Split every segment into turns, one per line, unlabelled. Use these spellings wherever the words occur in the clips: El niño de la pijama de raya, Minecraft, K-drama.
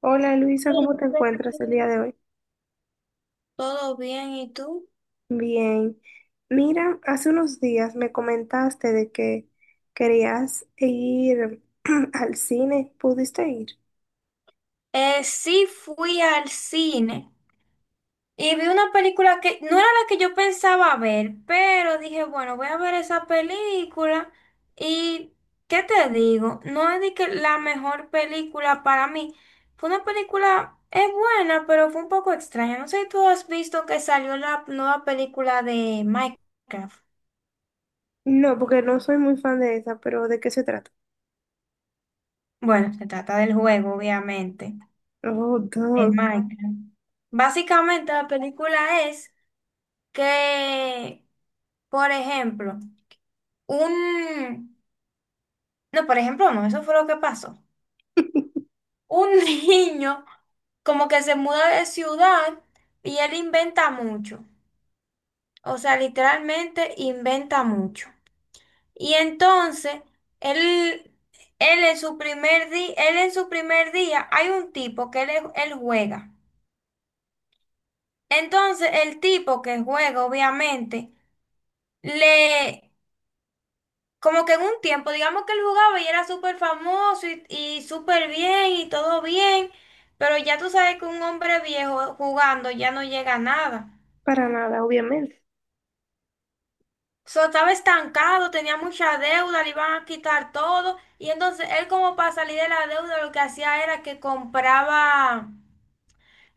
Hola Luisa, ¿cómo te encuentras el día de hoy?
Todo bien, ¿y tú?
Bien. Mira, hace unos días me comentaste de que querías ir al cine. ¿Pudiste ir?
Sí fui al cine y vi una película que no era la que yo pensaba ver, pero dije, bueno, voy a ver esa película y ¿qué te digo? No es de que la mejor película para mí. Fue una película, es buena, pero fue un poco extraña. No sé si tú has visto que salió la nueva película de Minecraft.
No, porque no soy muy fan de esa, pero ¿de qué se trata?
Bueno, se trata del juego, obviamente.
Oh,
En
dog.
Minecraft. Básicamente la película es que, por ejemplo, un... No, por ejemplo, no, eso fue lo que pasó. Un niño como que se muda de ciudad y él inventa mucho. O sea, literalmente inventa mucho. Y entonces, él, él en su primer día, hay un tipo que él juega. Entonces, el tipo que juega, obviamente, le, como que en un tiempo, digamos que él jugaba y era súper famoso y súper bien y todo bien, pero ya tú sabes que un hombre viejo jugando ya no llega a nada.
Para nada, obviamente.
So, estaba estancado, tenía mucha deuda, le iban a quitar todo y entonces él como para salir de la deuda lo que hacía era que compraba...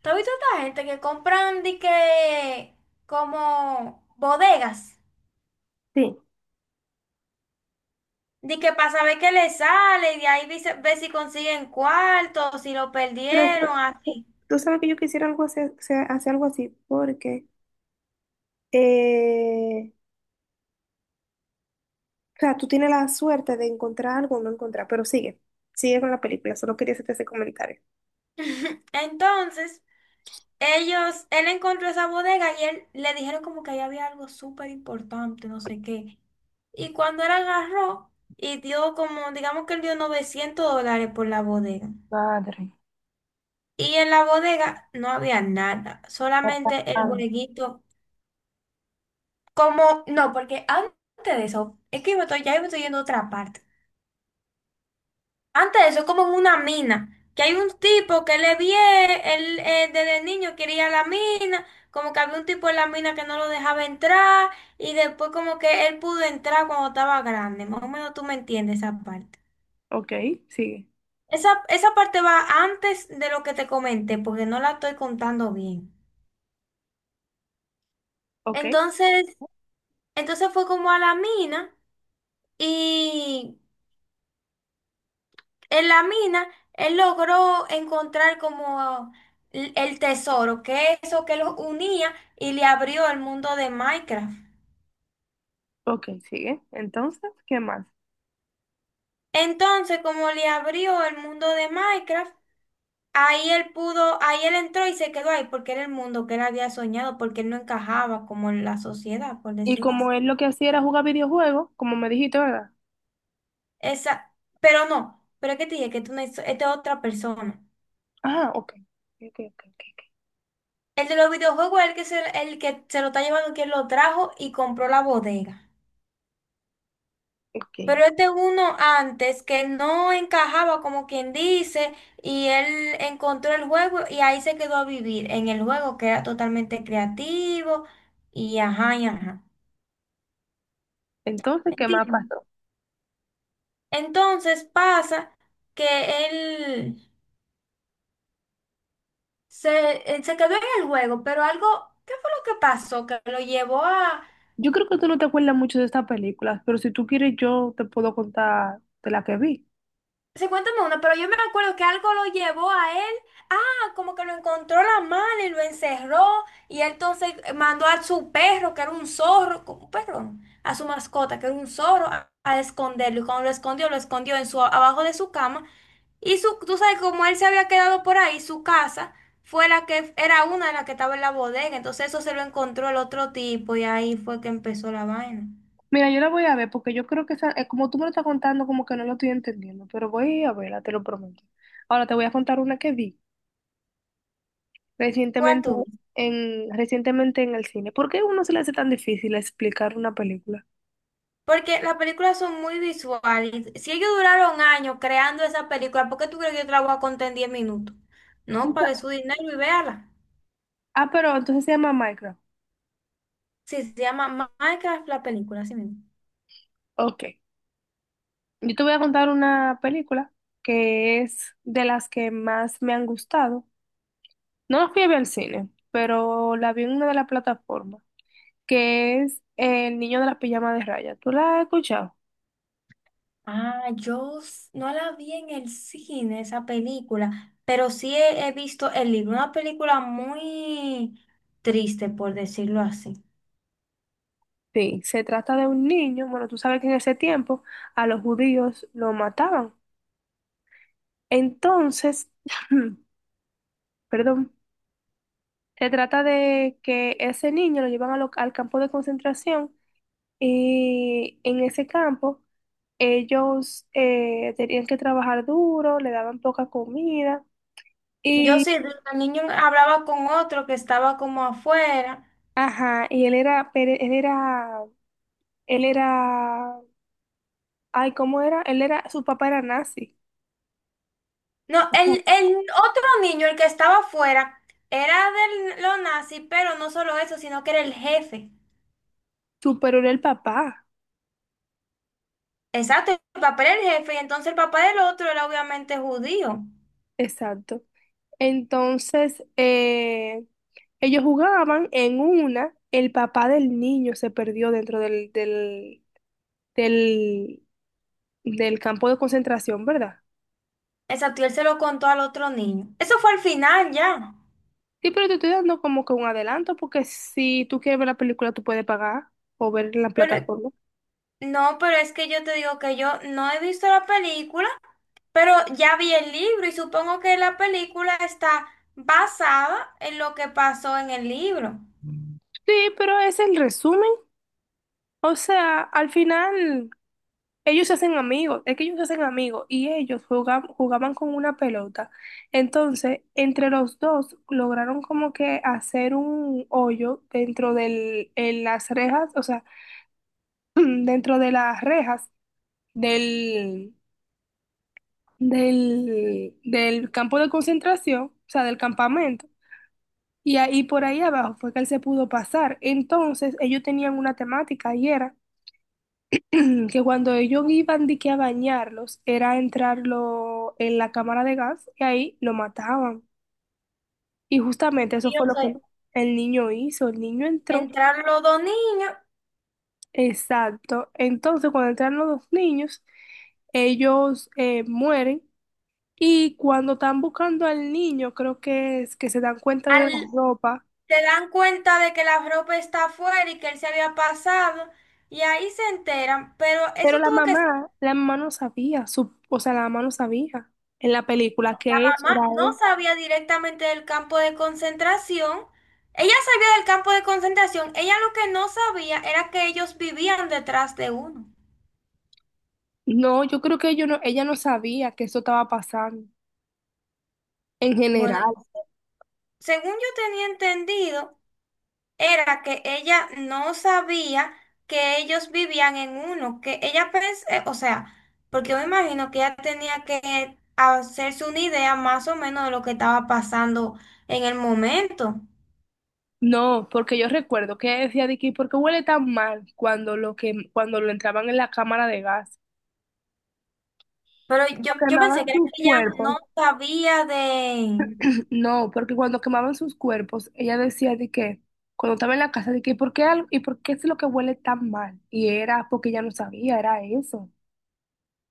¿Tú has visto esta gente que compran de que como bodegas?
Sí.
Di que para saber qué le sale, y de ahí dice, ve si consiguen cuarto, si lo
Pero
perdieron, así.
tú sabes que yo quisiera algo así, o sea, hacer algo así, porque, eh, o sea, tú tienes la suerte de encontrar algo o no encontrar, pero sigue, sigue con la película, solo quería hacerte ese comentario.
Entonces, ellos, él encontró esa bodega y él le dijeron como que ahí había algo súper importante, no sé qué. Y cuando él agarró y dio como, digamos que él dio $900 por la bodega.
Padre.
Y en la bodega no había nada, solamente el
Ah,
bodeguito. Como, no, porque antes de eso, es que ya yo me estoy yendo a otra parte. Antes de eso, es como en una mina, que hay un tipo que le vie, él desde niño quería la mina, como que había un tipo en la mina que no lo dejaba entrar, y después como que él pudo entrar cuando estaba grande, más o menos tú me entiendes esa parte.
ok, sigue.
Esa parte va antes de lo que te comenté, porque no la estoy contando bien.
Ok,
Entonces, entonces fue como a la mina y en la mina, él logró encontrar como el tesoro, que es eso que los unía y le abrió el mundo de Minecraft.
ok, sigue. Entonces, ¿qué más?
Entonces, como le abrió el mundo de Minecraft, ahí él pudo, ahí él entró y se quedó ahí porque era el mundo que él había soñado, porque él no encajaba como en la sociedad, por
Y
decirlo
como
así.
él lo que hacía era jugar videojuegos, como me dijiste, ¿verdad?
Esa, pero no, pero es que te dije que tú no, esta es otra persona.
Ah, ok. Ok, ok, ok, ok.
El de los videojuegos es el que se lo está llevando, quien lo trajo y compró la bodega.
Ok.
Pero este uno antes que no encajaba como quien dice y él encontró el juego y ahí se quedó a vivir en el juego que era totalmente creativo y ajá y ajá.
Entonces, ¿qué más
¿Entiendes?
pasó?
Entonces pasa que él él se quedó en el juego, pero algo, ¿qué fue lo que pasó? Que lo llevó a,
Yo creo que tú no te acuerdas mucho de estas películas, pero si tú quieres, yo te puedo contar de la que vi.
sí, cuéntame una, pero yo me acuerdo que algo lo llevó a él, ah, como que lo encontró la mala y lo encerró, y él entonces mandó a su perro, que era un zorro, perdón, a su mascota, que era un zorro, a esconderlo, y cuando lo escondió en su, abajo de su cama, y su, tú sabes, como él se había quedado por ahí, su casa fue la que, era una de las que estaba en la bodega, entonces eso se lo encontró el otro tipo, y ahí fue que empezó la vaina.
Mira, yo la voy a ver porque yo creo que como tú me lo estás contando, como que no lo estoy entendiendo, pero voy a verla, te lo prometo. Ahora te voy a contar una que vi.
¿Cuál
Recientemente
tú?
recientemente en el cine. ¿Por qué a uno se le hace tan difícil explicar una película?
Porque las películas son muy visuales. Si ellos duraron años creando esa película, ¿por qué tú crees que yo te la voy a contar en 10 minutos?
O
No,
sea,
pague su dinero y véala.
ah, pero entonces se llama Minecraft.
Sí, se llama Minecraft la película, así mismo.
Ok. Yo te voy a contar una película que es de las que más me han gustado. No la fui a ver al cine, pero la vi en una de las plataformas, que es El niño de la pijama de raya. ¿Tú la has escuchado?
Ah, no la vi en el cine, esa película, pero he visto el libro, una película muy triste, por decirlo así.
Sí, se trata de un niño. Bueno, tú sabes que en ese tiempo a los judíos lo mataban. Entonces, perdón. Se trata de que ese niño lo llevan a al campo de concentración y en ese campo ellos tenían que trabajar duro, le daban poca comida
Yo
y,
sí, el niño hablaba con otro que estaba como afuera.
ajá, y él era, él era, ay, ¿cómo era? Él era, su papá era nazi.
No,
Ujú.
el otro niño, el que estaba afuera, era de los nazis, pero no solo eso, sino que era el jefe.
Pero era el papá,
Exacto, el papá era el jefe, y entonces el papá del otro era obviamente judío.
exacto. Entonces, ellos jugaban. El papá del niño se perdió dentro del, del campo de concentración, ¿verdad?
Exacto, y él se lo contó al otro niño. Eso fue al final ya.
Sí, pero te estoy dando como que un adelanto, porque si tú quieres ver la película, tú puedes pagar o ver en la
Pero,
plataforma.
no, pero es que yo te digo que yo no he visto la película, pero ya vi el libro y supongo que la película está basada en lo que pasó en el libro.
Sí, pero es el resumen. O sea, al final ellos se hacen amigos, es que ellos se hacen amigos y ellos jugaban, jugaban con una pelota. Entonces, entre los dos lograron como que hacer un hoyo dentro en las rejas, o sea, dentro de las rejas del, del campo de concentración, o sea, del campamento. Y ahí por ahí abajo fue que él se pudo pasar. Entonces, ellos tenían una temática y era que cuando ellos iban de que a bañarlos, era entrarlo en la cámara de gas y ahí lo mataban. Y justamente eso
Y yo
fue lo que
sé,
el niño hizo. El niño entró.
entraron los dos niños.
Exacto. Entonces, cuando entraron los dos niños, ellos mueren. Y cuando están buscando al niño, creo que es que se dan cuenta de la
Al
ropa,
se dan cuenta de que la ropa está afuera y que él se había pasado, y ahí se enteran, pero eso
pero la
tuvo que ser,
mamá, la mamá no sabía, o sea, la mamá no sabía en la película que
la
eso era
mamá no
él.
sabía directamente del campo de concentración, ella sabía del campo de concentración, ella lo que no sabía era que ellos vivían detrás de uno.
No, yo creo que ellos no, ella no sabía que eso estaba pasando en
Bueno,
general.
según yo tenía entendido, era que ella no sabía que ellos vivían en uno, que ella pensé, o sea, porque yo me imagino que ella tenía que hacerse una idea más o menos de lo que estaba pasando en el momento.
No, porque yo recuerdo que ella decía de que ¿por qué huele tan mal cuando lo entraban en la cámara de gas?
Pero
Porque
yo pensé
quemaban
que era
sus
que ella
cuerpos.
no sabía de,
No, porque cuando quemaban sus cuerpos, ella decía de que, cuando estaba en la casa, de que, y por qué es lo que huele tan mal? Y era porque ella no sabía, era eso.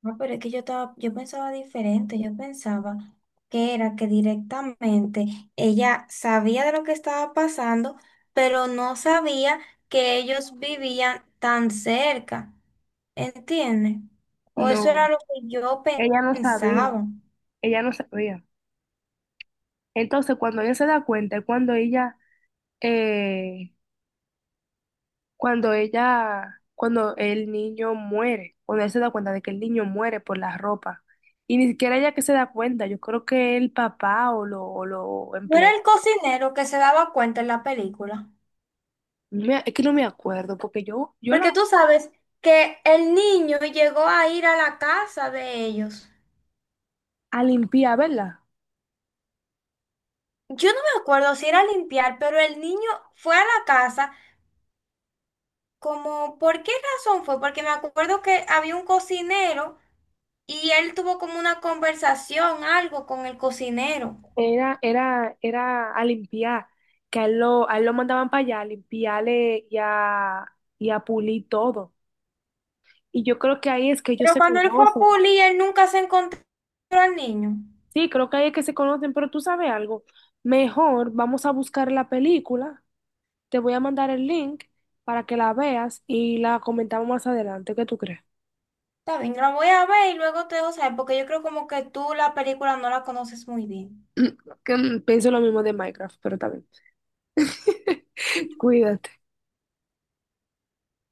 no, pero es que yo estaba, yo pensaba diferente, yo pensaba que era que directamente ella sabía de lo que estaba pasando, pero no sabía que ellos vivían tan cerca, ¿entiendes? O eso era
No,
lo que
ella no sabía,
pensaba.
ella no sabía. Entonces, cuando ella se da cuenta, es eh, cuando el niño muere, cuando ella se da cuenta de que el niño muere por la ropa. Y ni siquiera ella que se da cuenta, yo creo que el papá o lo
No era
emplea.
el cocinero que se daba cuenta en la película,
Es que no me acuerdo, porque yo la
porque tú sabes que el niño llegó a ir a la casa de ellos.
a limpiar, ¿verdad?
Yo no me acuerdo si era a limpiar, pero el niño fue a la casa. Como, ¿por qué razón fue? Porque me acuerdo que había un cocinero y él tuvo como una conversación, algo con el cocinero.
Era a limpiar, que a él lo mandaban para allá a limpiarle y a pulir todo. Y yo creo que ahí es que ellos
Pero
se
cuando él fue a
conocen.
Puli, él nunca se encontró al niño.
Sí, creo que ahí es que se conocen, pero tú sabes algo, mejor vamos a buscar la película, te voy a mandar el link para que la veas y la comentamos más adelante, ¿qué tú crees?
Está bien, la voy a ver y luego te dejo saber, porque yo creo como que tú la película no la conoces muy bien.
Pienso lo mismo de Minecraft, pero también. Cuídate.